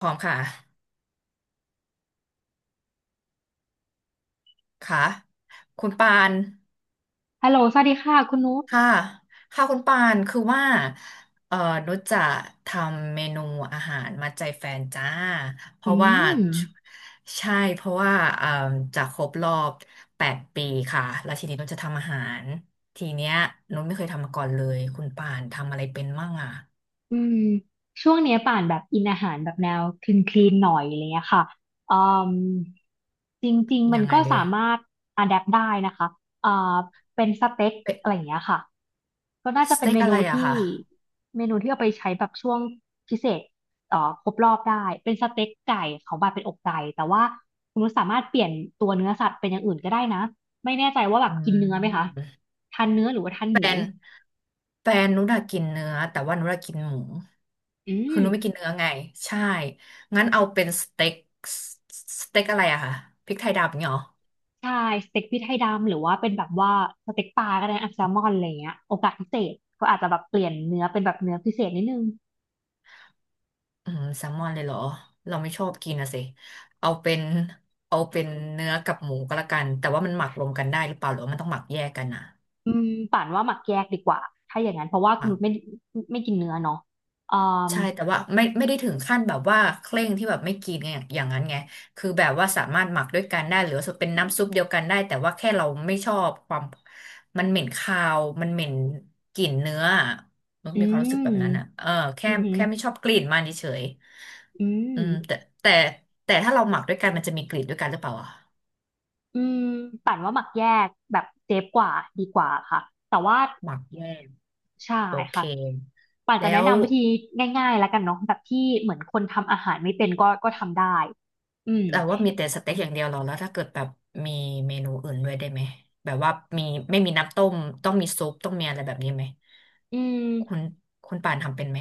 พร้อมค่ะค่ะคุณปานฮัลโหลสวัสดีค่ะคุณนุชค่ะค่ะคุณปานคือว่าเอ่อนุชจะทำเมนูอาหารมาใจแฟนจ้าเพอืราะว่ามชใช่เพราะว่าจะครบรอบ8 ปีค่ะ แล้วทีนี้นุชจะทำอาหาร ทีเนี้ยนุชไม่เคยทำมาก่อนเลยคุณปานทำอะไรเป็นมั่งอ่ะอืมช่วงเนี้ยป่านแบบอินอาหารแบบแนวคลีนคลีนหน่อยอะไรเงี้ยค่ะอืมจริงๆมัยันงไงก็ดีสามารถอะแดปได้นะคะอ่าเป็นสเต็กเป็นอะไรอย่างเงี้ยค่ะก็น่าจะสเป็นเต็กเมอะนูไรอะที่ค่ะเมนูที่เอาไปใช้แบบช่วงพิเศษเอ่อครบรอบได้เป็นสเต็กไก่เขาบาดเป็นอกไก่แต่ว่าคุณนุชสามารถเปลี่ยนตัวเนื้อสัตว์เป็นอย่างอื่นก็ได้นะไม่แน่ใจว่าแบอืบกินเนื้อไหมคะม ทานเนื้อหรือว่าทานแฟหมู นแฟนนุชอะกินเนื้อแต่ว่านุชอะกินหมูอืคือนุชไม่กินมเนื้อไงใช่งั้นเอาเป็นสเต็กสเต็กอะไรอะคะพริกไทยดำอย่างเงี้ยเหรอใช่สเต็กพริกไทยดำหรือว่าเป็นแบบว่าสเต็กปลาก็ได้นะแซลมอนอะไรเงี้ยโอกาสพิเศษก็อาจจะแบบเปลี่ยนเนื้อเป็นแบบเนื้อพิเศษนิดนึงอืมแซลมอนเลยเหรอเราไม่ชอบกินนะสิเอาเป็นเอาเป็นเนื้อกับหมูก็แล้วกันแต่ว่ามันหมักรวมกันได้หรือเปล่าหรือว่ามันต้องหมักแยกกันอะ อืมป่านว่าหมักแยกดีกว่าถ้าอย่างนั้นเพราะว่าคุณนุชไม่กินเนื้อเนาะอ่าใช่แต่ว่าไม่ได้ถึงขั้นแบบว่าเคร่งที่แบบไม่กินไางอย่างนั้นไงคือแบบว่าสามารถหมักด้วยกันได้หรือว่าเป็นน้ำซุปเดียวกันได้แต่ว่าแค่เราไม่ชอบความมันเหม็นคาวมันเหม็นกลิ่นเนื้ออะมันอืมีความรู้สึกแบบนั้นอ่ะมเออแค่อือหือแค่ไม่ชอบกลิ่นมันเฉยอืๆมอืมแต่แต่ถ้าเราหมักด้วยกันมันจะมีกลิ่นด้วยกันหรือเปล่าอ่ะอืมป่านว่าหมักแยกแบบเซฟกว่าดีกว่าค่ะแต่ว่าหมักแยกใช่โอเคค่ะป่านจะแล้แนะว นำวิธีง่ายๆแล้วกันเนาะแบบที่เหมือนคนทำอาหารไม่เป็นก็ทำได้อืมแต่ว่ามีแต่สเต็กอย่างเดียวเหรอแล้วถ้าเกิดแบบมีเมนูอื่นด้วยได้ไหมแบบว่ามีไม่มีน้ำต้มต้องมีซุปต้องมีอะไรแบบนี้ไหมอืม คุณคุณป่านทำเป็นไหม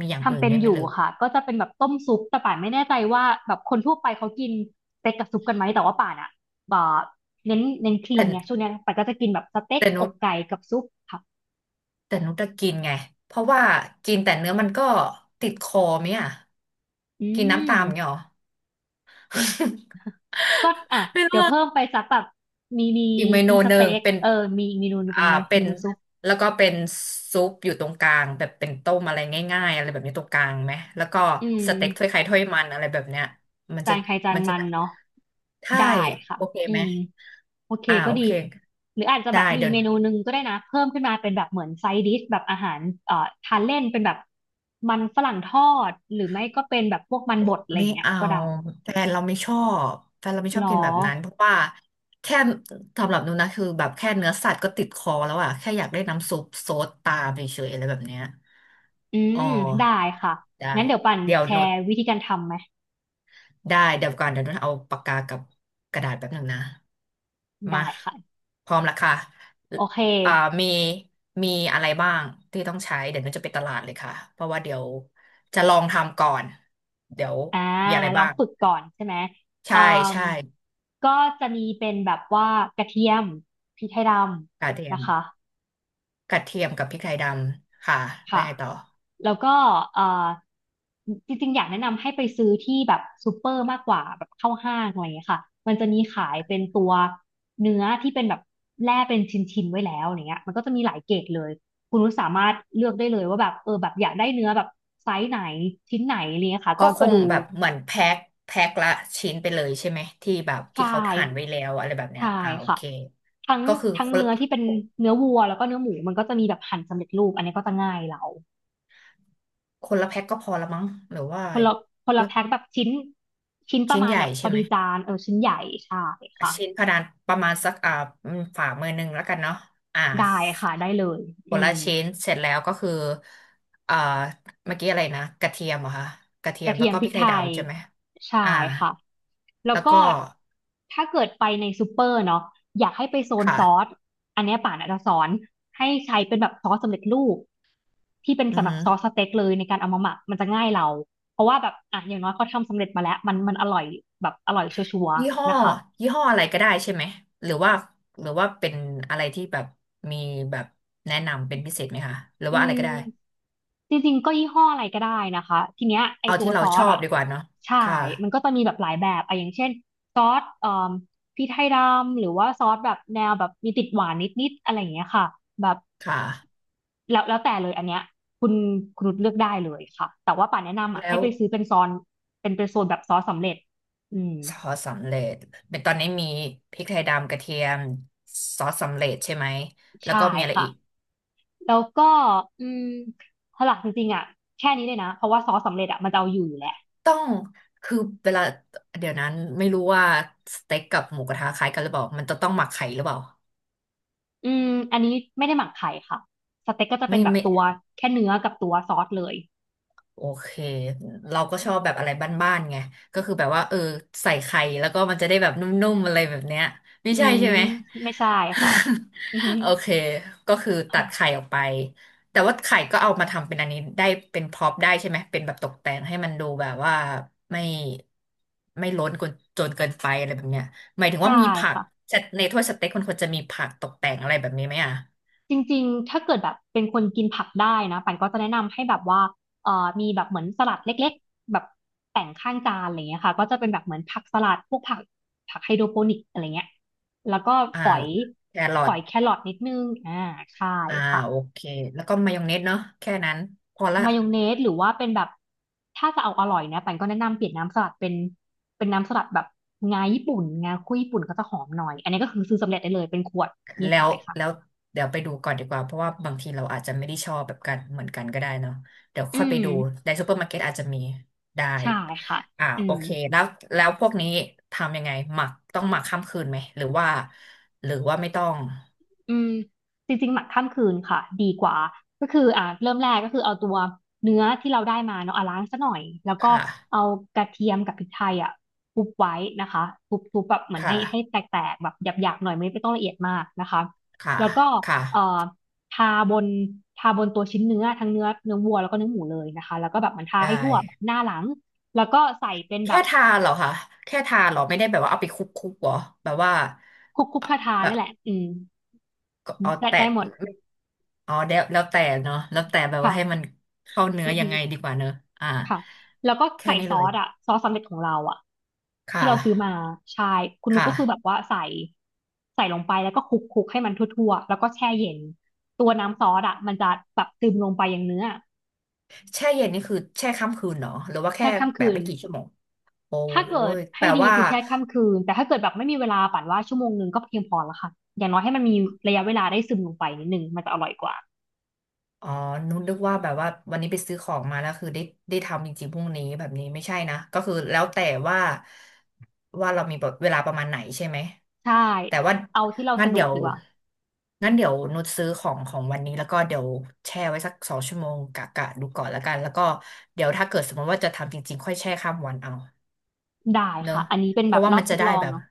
มีอย่างอื่ทำนเป็นด้วยไหอมหยู่รือค่ะก็จะเป็นแบบต้มซุปแต่ป่านไม่แน่ใจว่าแบบคนทั่วไปเขากินสเต็กกับซุปกันไหมแต่ว่าป่านอ่ะแบบเน้นคลีแต่นไงช่วงเนี้ยป่านก็จะกินแบบสเต็กแต่อนุกชไก่กับซุปค่ะแต่นุชจะกินไงเพราะว่ากินแต่เนื้อมันก็ติดคอไหมอ่ะอืกินน้ำตามอย่างเงี้ยเหรมอ ก็อ่ะไม่เดี๋รู้ ยวเพิ่มไปสักแบบมีมีอีกเมนูมีสหนึ่เต็งกเป็นเออมีอีกเมนูหนึ่งเป็อ่านเป็เมนนูซุปแล้วก็เป็นซุปอยู่ตรงกลางแบบเป็นต้มอะไรง่ายๆอะไรแบบนี้ตรงกลางไหมแล้วก็อืมสเต็กถ้วยไข่ถ้วยมันอะไรแบบเนี้ยมันจาจะนใครจานมันจะมันได้เนาะใช่ได้ค่ะโอเคอืไหมม โอเคอ่าก็โอดีเคหรืออาจจะแบได้บมีอีเดี๋ยกวเมนูหนึ่งก็ได้นะเพิ่มขึ้นมาเป็นแบบเหมือนไซด์ดิชแบบอาหารทานเล่นเป็นแบบมันฝรั่งทอดหรือไม่ก็เป็นแบบพวกมันบดอะไรอไม่ย่างเงี้ยเอาก็ได้แฟนเราไม่ชอบแฟนเราไม่ชหรอบกิอนแบบนั้นเพราะว่าแค่สำหรับหนูนะคือแบบแค่เนื้อสัตว์ก็ติดคอแล้วอะแค่อยากได้น้ำซุปโซดตามเฉยๆอะไรแบบเนี้ยอือ๋อมได้ค่ะได้งั้นเดี๋ยวปันเดี๋ยวแชหนู ร์วิธีการทำไหมได้เดี๋ยวก่อนเดี๋ยวนุ่นเอาปากกากับกระดาษแป๊บหนึ่งนะมาได้ค่ะพร้อมละค่ะโอเคอ่ามีมีอะไรบ้างที่ต้องใช้เดี๋ยวนุ่นจะไปตลาดเลยค่ะเพราะว่าเดี๋ยวจะลองทำก่อนเดี๋ยวอ่ามีอะไรลอบ้างงฝึกก่อนใช่ไหมเอ่ใช่มใช่ก็จะมีเป็นแบบว่ากระเทียมพริกไทยดกระเทีำยนะมคะ กระเทียมกับพริกไทยดำค่ะแล้วค่ะไงต่อแล้วก็เอ่อจริงๆอยากแนะนำให้ไปซื้อที่แบบซูเปอร์มากกว่าแบบเข้าห้างอะไรอย่างเงี้ยค่ะมันจะมีขายเป็นตัวเนื้อที่เป็นแบบแล่เป็นชิ้นๆไว้แล้วอย่างเงี้ยมันก็จะมีหลายเกรดเลยคุณนุชสามารถเลือกได้เลยว่าแบบเออแบบอยากได้เนื้อแบบไซส์ไหนชิ้นไหนอะไรเงี้ยค่ะก็ก็คก็งดูแบบเหมือนแพ็คละชิ้นไปเลยใช่ไหมที่แบบที่ใช่เขาหั่นไว้แล้วอะไรแบบเนี้ยใช่อ่าโอค่ะเคทั้งก็คือทั้งคน เนื้อที่เป็นเนื้อวัวแล้วก็เนื้อหมูมันก็จะมีแบบหั่นสำเร็จรูปอันนี้ก็จะง่ายเรา คนละแพ็คก็พอละมั้งหรือว่าคนละคคนนละละแพ็คแบบชิ้นประชิ้นมาณใหญ่แบบพใช่อไหมดีจานเออชิ้นใหญ่ใช่ค่ะชิ้นพะดานประมาณสักอ่าฝ่ามือหนึ่งแล้วกันเนาะอ่าได้ค่ะได้เลยคอืนละมชิ้นเสร็จแล้วก็คืออ่าเมื่อกี้อะไรนะกระเทียมเหรอคะกระเทีกยมระเทีแล้วยมก็พพริริกกไทยไทยดำใช่ไหมใช่อ่าค่ะแล้แล้ววก็ก็ถ้าเกิดไปในซูเปอร์เนาะอยากให้ไปโซนค่ะซอสอันเนี้ยป่านอาจจะสอนให้ใช้เป็นแบบซอสสำเร็จรูปที่เป็นอือสำหรัหืบอซอสสเต็กเลยในการเอามาหมักมันจะง่ายเราเพราะว่าแบบอ่ะอย่างน้อยเขาทำสำเร็จมาแล้วมันอร่อยแบบอร่อยชัวร์ยี่ห้อๆนะคะ ยี่ห้ออะไรก็ได้ใช่ไหมหรือว่าหรือว่าเป็นอะไรที่แบบมีแบบแนะนำเป็นพิเศษไหมคะหรืออืว่าอะไรก็ได้มจริงๆก็ยี่ห้ออะไรก็ได้นะคะทีเนี้ยไอเอาตัวที่ซเราอชอสบอ่ะดีกว่าเนาะคใช่มัน่ะก็จะมีแบบหลายแบบอะอย่างเช่นซอสเอ่มพริกไทยดำหรือว่าซอสแบบแนวแบบมีติดหวานนิดๆอะไรอย่างเงี้ยค่ะแบบค่ะ แล้วแต่เลยอันเนี้ยคุณคุณนุชเลือกได้เลยค่ะแต่ว่าป่านแนะนำอ่ะแล้ให้วไปซื้อเป็นซอนเป็นโซนแบบซอสสำเร็จอืมซอสสำเร็จเป็นตอนนี้มีพริกไทยดำกระเทียมซอสสำเร็จใช่ไหมแล้วใช่ก็มีอะไรค่ะอีกแล้วก็อืมหลักจริงๆอ่ะแค่นี้เลยนะเพราะว่าซอสสำเร็จอ่ะมันจะเอาอยู่แล้ว ต้องคือเวลาเดี๋ยวนั้นไม่รู้ว่าสเต็กกับหมูกระทะคล้ายกันหรือเปล่ามันจะต้องหมักไข่หรือเปล่าอืมอันนี้ไม่ได้หมักไข่ค่ะสเต็กก็จะเป็นไม่แบบไม่ ตัวแค่เนื้อกับตัวซอสเลยโอเคเราก็ชอบแบบอะไรบ้านๆไงก็คือแบบว่าเออใส่ไข่แล้วก็มันจะได้แบบนุ่มๆอะไรแบบเนี้ยไม่อืใช่มใช่ไหม ไม่ใช่ค่ะอืม โอเคก็คือตัดไข่ค่ะออกไปแต่ว่าไข่ก็เอามาทำเป็นอันนี้ได้เป็นพร็อพได้ใช่ไหมเป็นแบบตกแต่งให้มันดูแบบว่าไม่ไม่ล้นจนจนเกินไปอะไรแบบเนี้ยหมายถึงใช่ว่ามีผักค่ะในถ้วยสเต็กมันควรจะมีผักตกแต่งอะไรแบบนี้ไหมอ่ะจริงๆ ถ้าเกิดแบบเป็นคนกินผักได้นะปันก็จะแนะนำให้แบบว่ามีแบบเหมือนสลัดเล็กๆแบบแต่งข้างจานอะไรเงี้ยค่ะก็จะเป็นแบบเหมือนผักสลัดพวกผักไฮโดรโปนิกอะไรเงี้ยแล้วก็อ่าฝอยแครอฝท อยแครอทนิดนึงอ่าใช่อ่าค่ะ โอเคแล้วก็มายองเนสเนาะแค่นั้นพอละมายองเนสหรือว่าเป็นแบบถ้าจะเอาอร่อยนะปันก็แนะนำเปลี่ยนน้ำสลัดเป็นเป็นน้ำสลัดแบบงาญี่ปุ่นงาคุยญี่ปุ่นก็จะหอมหน่อยอันนี้ก็คือซื้อสำเร็จได้เลยเป็นขวดมีแล้ขาวยค่ะแล้วเดี๋ยวไปดูก่อนดีกว่าเพราะว่าบางทีเราอาจจะไม่ได้ชอบแบบกันเหมือนกันก็ได้เนาะเดี๋ยวค่ออืยไปมดูในซูเปอร์มาร์เก็ตอาจจะมีได้ใช่ค่ะอ่าอืโอม เคแล้วแล้วพวกนี้ทำยังไงหมักต้องหมักข้ามคืนไหมหรือว่าหรือว่าไม่ต้องอืมจริงๆหมักข้ามคืนค่ะดีกว่าก็คือเริ่มแรกก็คือเอาตัวเนื้อที่เราได้มาเนาะอ่ะล้างซะหน่อยแล้วก็ค่ะเอากระเทียมกับพริกไทยอ่ะทุบไว้นะคะทุบทุบแบบเหมือนให้ค่ะให้แตกๆแบบหยาบๆหน่อยไม่ต้องละเอียดมากนะคะค่ะแล้วก็ค่ะเอ่อทาบนทาบนตัวชิ้นเนื้อทั้งเนื้อวัวแล้วก็เนื้อหมูเลยนะคะแล้วก็แบบเหมอนทาให้ได้ทั่วแบบหน้าหลังแล้วก็ใส่เป็นแบแค่บทาเหรอคะแค่ทาเหรอไม่ได้แบบว่าเอาไปคลุกๆเหรอแบบว่าคลุกเอ่อๆทาแบๆบ นั่นแหละอืมก็เอาได้แต่ได้หมดอ๋อแล้วแต่เนาะแล้วแต่แบบว่าให้ค่ะมันเข้าเนื้อืออยัฮึ งไงดีกว่าเนอะอ่าค่ะแล้วก็แค่ใส่นี้เลยซอสสำเร็จของเราอะที่ค่ะเราซื้อมาใช่คุณคนุกก็คือแบบ่ะว่าใส่ลงไปแล้วก็คลุกคลุกให้มันทั่วๆแล้วก็แช่เย็นตัวน้ำซอสอะมันจะแบบซึมลงไปอย่างเนื้อแช่เย็นนี่คือแช่ค่ำคืนเนาะหรือว่าแค่แช่ข้ามแบคืบนไม่กี่ชั่วโมงโอ้ถ้าเกิดยแปให้ลดีว่า คือแช่ข้ามคืนแต่ถ้าเกิดแบบไม่มีเวลาปั่นว่า1 ชั่วโมงก็เพียงพอแล้วค่ะอย่างน้อยให้มันมีระยะเวลาได้ซึมลงไปนิดนึงมันจะอร่อยกว่าอ๋อนุนึกว่าแบบว่าวันนี้ไปซื้อของมาแล้วคือได้ได้ทำจริงๆพรุ่งนี้แบบนี้ไม่ใช่นะก็คือแล้วแต่ว่าว่าเรามีแบบเวลาประมาณไหนใช่ไหมใช่แต่ว่าเอาที่เรางั้นสะดเดี๋วกยวดีกว่างั้นเดี๋ยวนุชซื้อของของวันนี้แล้วก็เดี๋ยวแช่ไว้สัก2 ชั่วโมงกะดูก่อนแล้วกันแล้วก็เดี๋ยวถ้าเกิดสมมติว่าจะทำจริงๆค่อยแช่ข้ามวันเอาได้เนอะค่ะอันนี้เป็นเพแบราะบว่ารอมับนทจะดได้ลองแบบเนาะ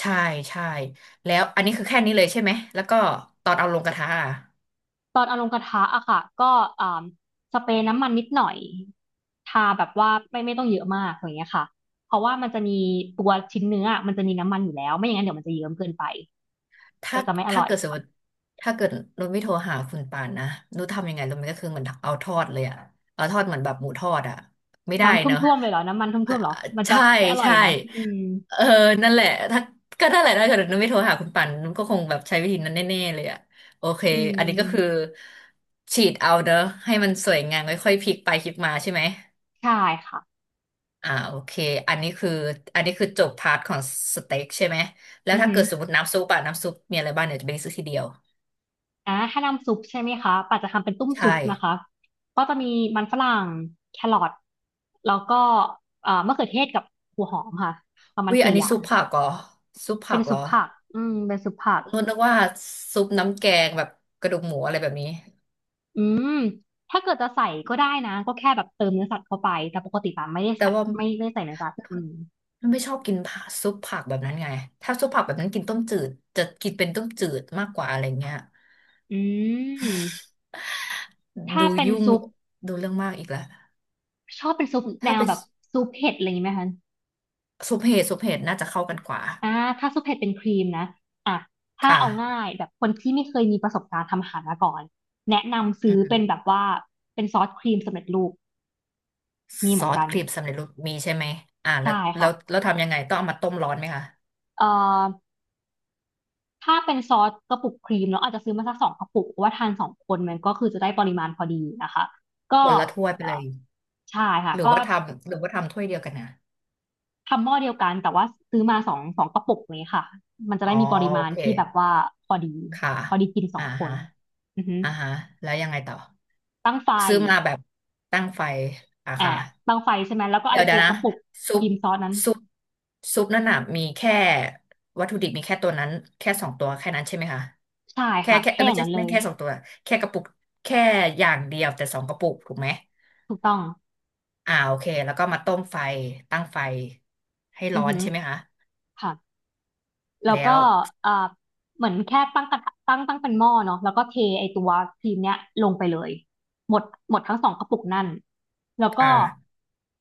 ใช่ใช่แล้วอันนี้คือแค่นี้เลยใช่ไหมแล้วก็ตอนเอาลงกระทะอะ ตอนเอาลงกระทะอะค่ะก็อ่าสเปรย์น้ำมันนิดหน่อยทาแบบว่าไม่ต้องเยอะมากอย่างเงี้ยค่ะเพราะว่ามันจะมีตัวชิ้นเนื้ออะมันจะมีน้ำมันอยู่แล้วไม่อย่างนั้นเดี๋ยวมันจะเยิ้มเกินไปถ้าจะไม่อถ้าร่อยเกิดสมค่ะมติถ้าเกิดนุชไม่โทรหาคุณปานนะนุชทำยังไงรู้ไหมก็คือเหมือนเอาทอดเลยอะเอาทอดเหมือนแบบหมูทอดอะไม่ได้น้ำทเนาะ่วมๆเลยเหรอน้ำมันท่อ่าวมๆเหรอมันจะใช่ไม่อร่อยใช่นะอืมเออนั่นแหละถ้าก็นั่นแหละถ้าเกิดนุชไม่โทรหาคุณปานนุชก็คงแบบใช้วิธีนั้นแน่ๆเลยอะโอเคอือันนี้ก็คือมฉีดเอาเนอะให้มันสวยงามค่อยๆพลิกไปพลิกมาใช่ไหมใช่ค่ะอ่าโอเคอันนี้คืออันนี้คือจบพาร์ทของสเต็กใช่ไหมแล้วอือถ้าหืเกิอดสมมติน้ำซุปอะน้ำซุปมีอะไรบ้างเดี๋ยวจะไปซื้อทีเดียว ถ้าน้ำซุปใช่ไหมคะป่าจะทำเป็นตุ้มใช่ ซุปนะคะก็จะมีมันฝรั่งแครอทแล้วก็มะเขือเทศกับหัวหอมค่ะประมาณวิอยอัสี่นอนี้ย่าซุง ปผักเหรอ ซุปผัเป็นกเหซุรอปผักอืมเป็นซุปผักนุ่นนึกว่าซุปน้ำแกงแบบกระดูกหมูอะไรแบบนี้อืมถ้าเกิดจะใส่ก็ได้นะก็แค่แบบเติมเนื้อสัตว์เข้าไปแต่ปกติปาไม่ได้แต่ใส่ว่าไม่ได้ใส่เนื้อสัตว์อืมนุ่นไม่ชอบกินผักซุปผักแบบนั้นไง ถ้าซุปผักแบบนั้นกินต้มจืดจะกินเป็นต้มจืดมากกว่าอะไรเงี้ยอืมถ้าดูเป็นยุ่งซุปดูเรื่องมากอีกแล้วชอบเป็นซุปแนถ้าวเป็นแบบซุปเผ็ดอะไรอย่างนี้ไหมคะซุปเห็ดซุปเห็ดน่าจะเข้ากันกว่าอ่าถ้าซุปเผ็ดเป็นครีมนะอ่ะคถ้าเอา่ะง่ายแบบคนที่ไม่เคยมีประสบการณ์ทำอาหารมาก่อนแนะนำอืซื้อเป็นมแบบว่าเป็นซอสครีมสำเร็จรูปมีเหซมือนอสกันครีมสำเร็จรูปมีใช่ไหมอ่าแล้ใช่วแล้ค่ะวแล้วทำยังไงต้องเอามาต้มร้อนไหมคะเอ่อ ถ้าเป็นซอสกระปุกครีมเราอาจจะซื้อมาสักสองกระปุกเพราะว่าทานสองคนมันก็คือจะได้ปริมาณพอดีนะคะก็คนละถ้วยไปเอ่เลอย ใช่ค่ะหรือก็ว่าทำหรือว่าทำถ้วยเดียวกันนะทำหม้อเดียวกันแต่ว่าซื้อมาสองกระปุกนี้ค่ะมันจะอ๋อได้มีปริโอมาณเคที่แบบว่าพอดีค่ะพอดีกินสออ่างคนฮะอือฮึอ่าฮะแล้วยังไงต่อตั้งไฟซื้อมาแบบตั้งไฟอ่ะอ่าค่ะตั้งไฟใช่ไหมแล้วก็ไอเดี๋ยวเดี๋ตัยววกนะระปุกซุคปรีมซอสนั้นซุปซุปนั่นน่ะมีแค่วัตถุดิบมีแค่ตัวนั้นแค่สองตัวแค่นั้นใช่ไหมคะใช่แค่ค่ะแค่เอแค่ออไม่ย่างใช่นั้นเลไม่ยแค่สองตัวแค่กระปุกแค่อย่างเดียวแต่สองกระปุกถูกไหมถูกต้องอ่าโอเคแล้วก็มาต้มไฟตั้งไฟให้อืร้ออนฮึใช่ไหมคะค่ะ แล้วแล้ก็วเอ่อเหมือนแค่ตั้งกระทะตั้งเป็นหม้อเนาะแล้วก็เทไอตัวครีมเนี้ยลงไปเลยหมดหมดทั้งสองกระปุกนั่นแล้วก็อ่า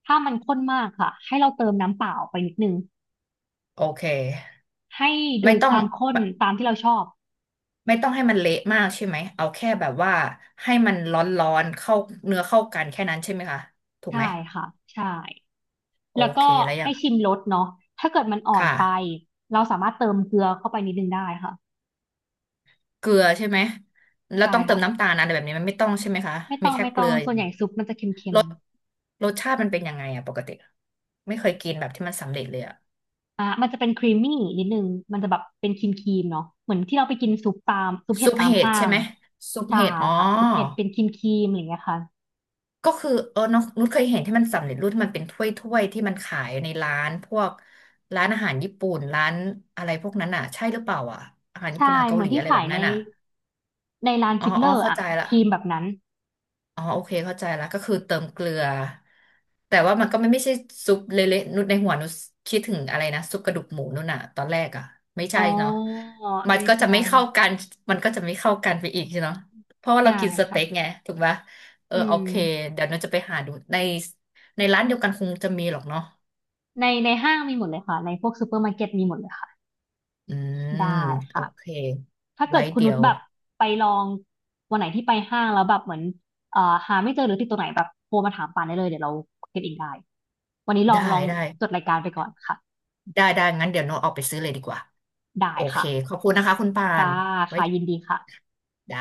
ถ้ามันข้นมากค่ะให้เราเติมน้ำเปล่าไปนิดนึงโอเคให้ไม่ดูต้คอง วามข้นตามที่เราชอบไม่ต้องให้มันเละมากใช่ไหมเอาแค่แบบว่าให้มันร้อนๆเข้าเนื้อเข้ากันแค่นั้นใช่ไหมคะถูกใช่ไหมค่ะใช่ โอแล้วเคก็แล้วอย่าให้งชิมรสเนาะถ้าเกิดมันอ่อนค่ะไปเราสามารถเติมเกลือเข้าไปนิดนึงได้ค่ะเกลือใช่ไหมแล้วใช่ต้องเติค่ะมน้ำตาลนะอะไรแบบนี้มันไม่ต้องใช่ไหมคะไม่มีต้องแค่ไม่เกต้ลืองออส่ย่างวนใหเดียญ่วซุปมันจะเค็รม สรสชาติมันเป็นยังไงอะปกติไม่เคยกินแบบที่มันสำเร็จเลยอะอ่ะมันจะเป็นครีมมี่นิดนึงมันจะแบบเป็นครีมครีมเนาะเหมือนที่เราไปกินซุปตามซุปเห็ซุดปตามเห็ดห้าใช่งไหมซุปใช่เห็ดอ๋อ ค่ะซุปเห็ดเป็นครีมครีมอะไรอย่างเงี้ยค่ะก็คือเออน้องนุชเคยเห็นที่มันสำเร็จรูปที่มันเป็นถ้วยถ้วยที่มันขายในร้านพวกร้านอาหารญี่ปุ่นร้านอะไรพวกนั้นอ่ะใช่หรือเปล่าอ่ะอาหารญี่ปุ่นใช่อาหารเหเกามืหอลีนที่อะไรแบขายบในนั้นอ่ะร้านอ๋อฟิตเลอ๋ออร์เข้าอะใจละ ครีมแบบนั้นอ๋อโอเคเข้าใจแล้วก็คือเติมเกลือแต่ว่ามันก็ไม่ใช่ซุปเละๆนุชในหัวนุชคิดถึงอะไรนะซุปกระดูกหมูนู่นน่ะตอนแรกอ่ะไม่อ๋ใช่อเนาะมันไม่ก็จะใช่ไม่เข้ากันมันก็จะไม่เข้ากันไปอีกใช่เนาะเพราะว่าใช่เรากินสค่ะเต็กไงถูกปะเอออืโอมเคเดี๋ยวนุชจะไปหาดูในในร้านเดียวกันคงจะมีหรอกเนาะในห้างมีหมดเลยค่ะในพวกซูเปอร์มาร์เก็ตมีหมดเลยค่ะอืมได้โอค่ะ เคถ้าเกิไว้ดคุณเดี๋นุยชวแบบไปลองวันไหนที่ไปห้างแล้วแบบเหมือนเอ่อหาไม่เจอหรือติดตัวไหนแบบโทรมาถามปานได้เลยเดี๋ยวเราเก็บเองได้ วันนี้ลอได้งลองได้จดรายการไปก่อนค่ะได้งั้นเดี๋ยวโนตออกไปซื้อเลยดีกว่าได้โอเคค่ะขอบคุณนะคะคุณปาค่ะนไว้ค่ะยินดีค่ะได้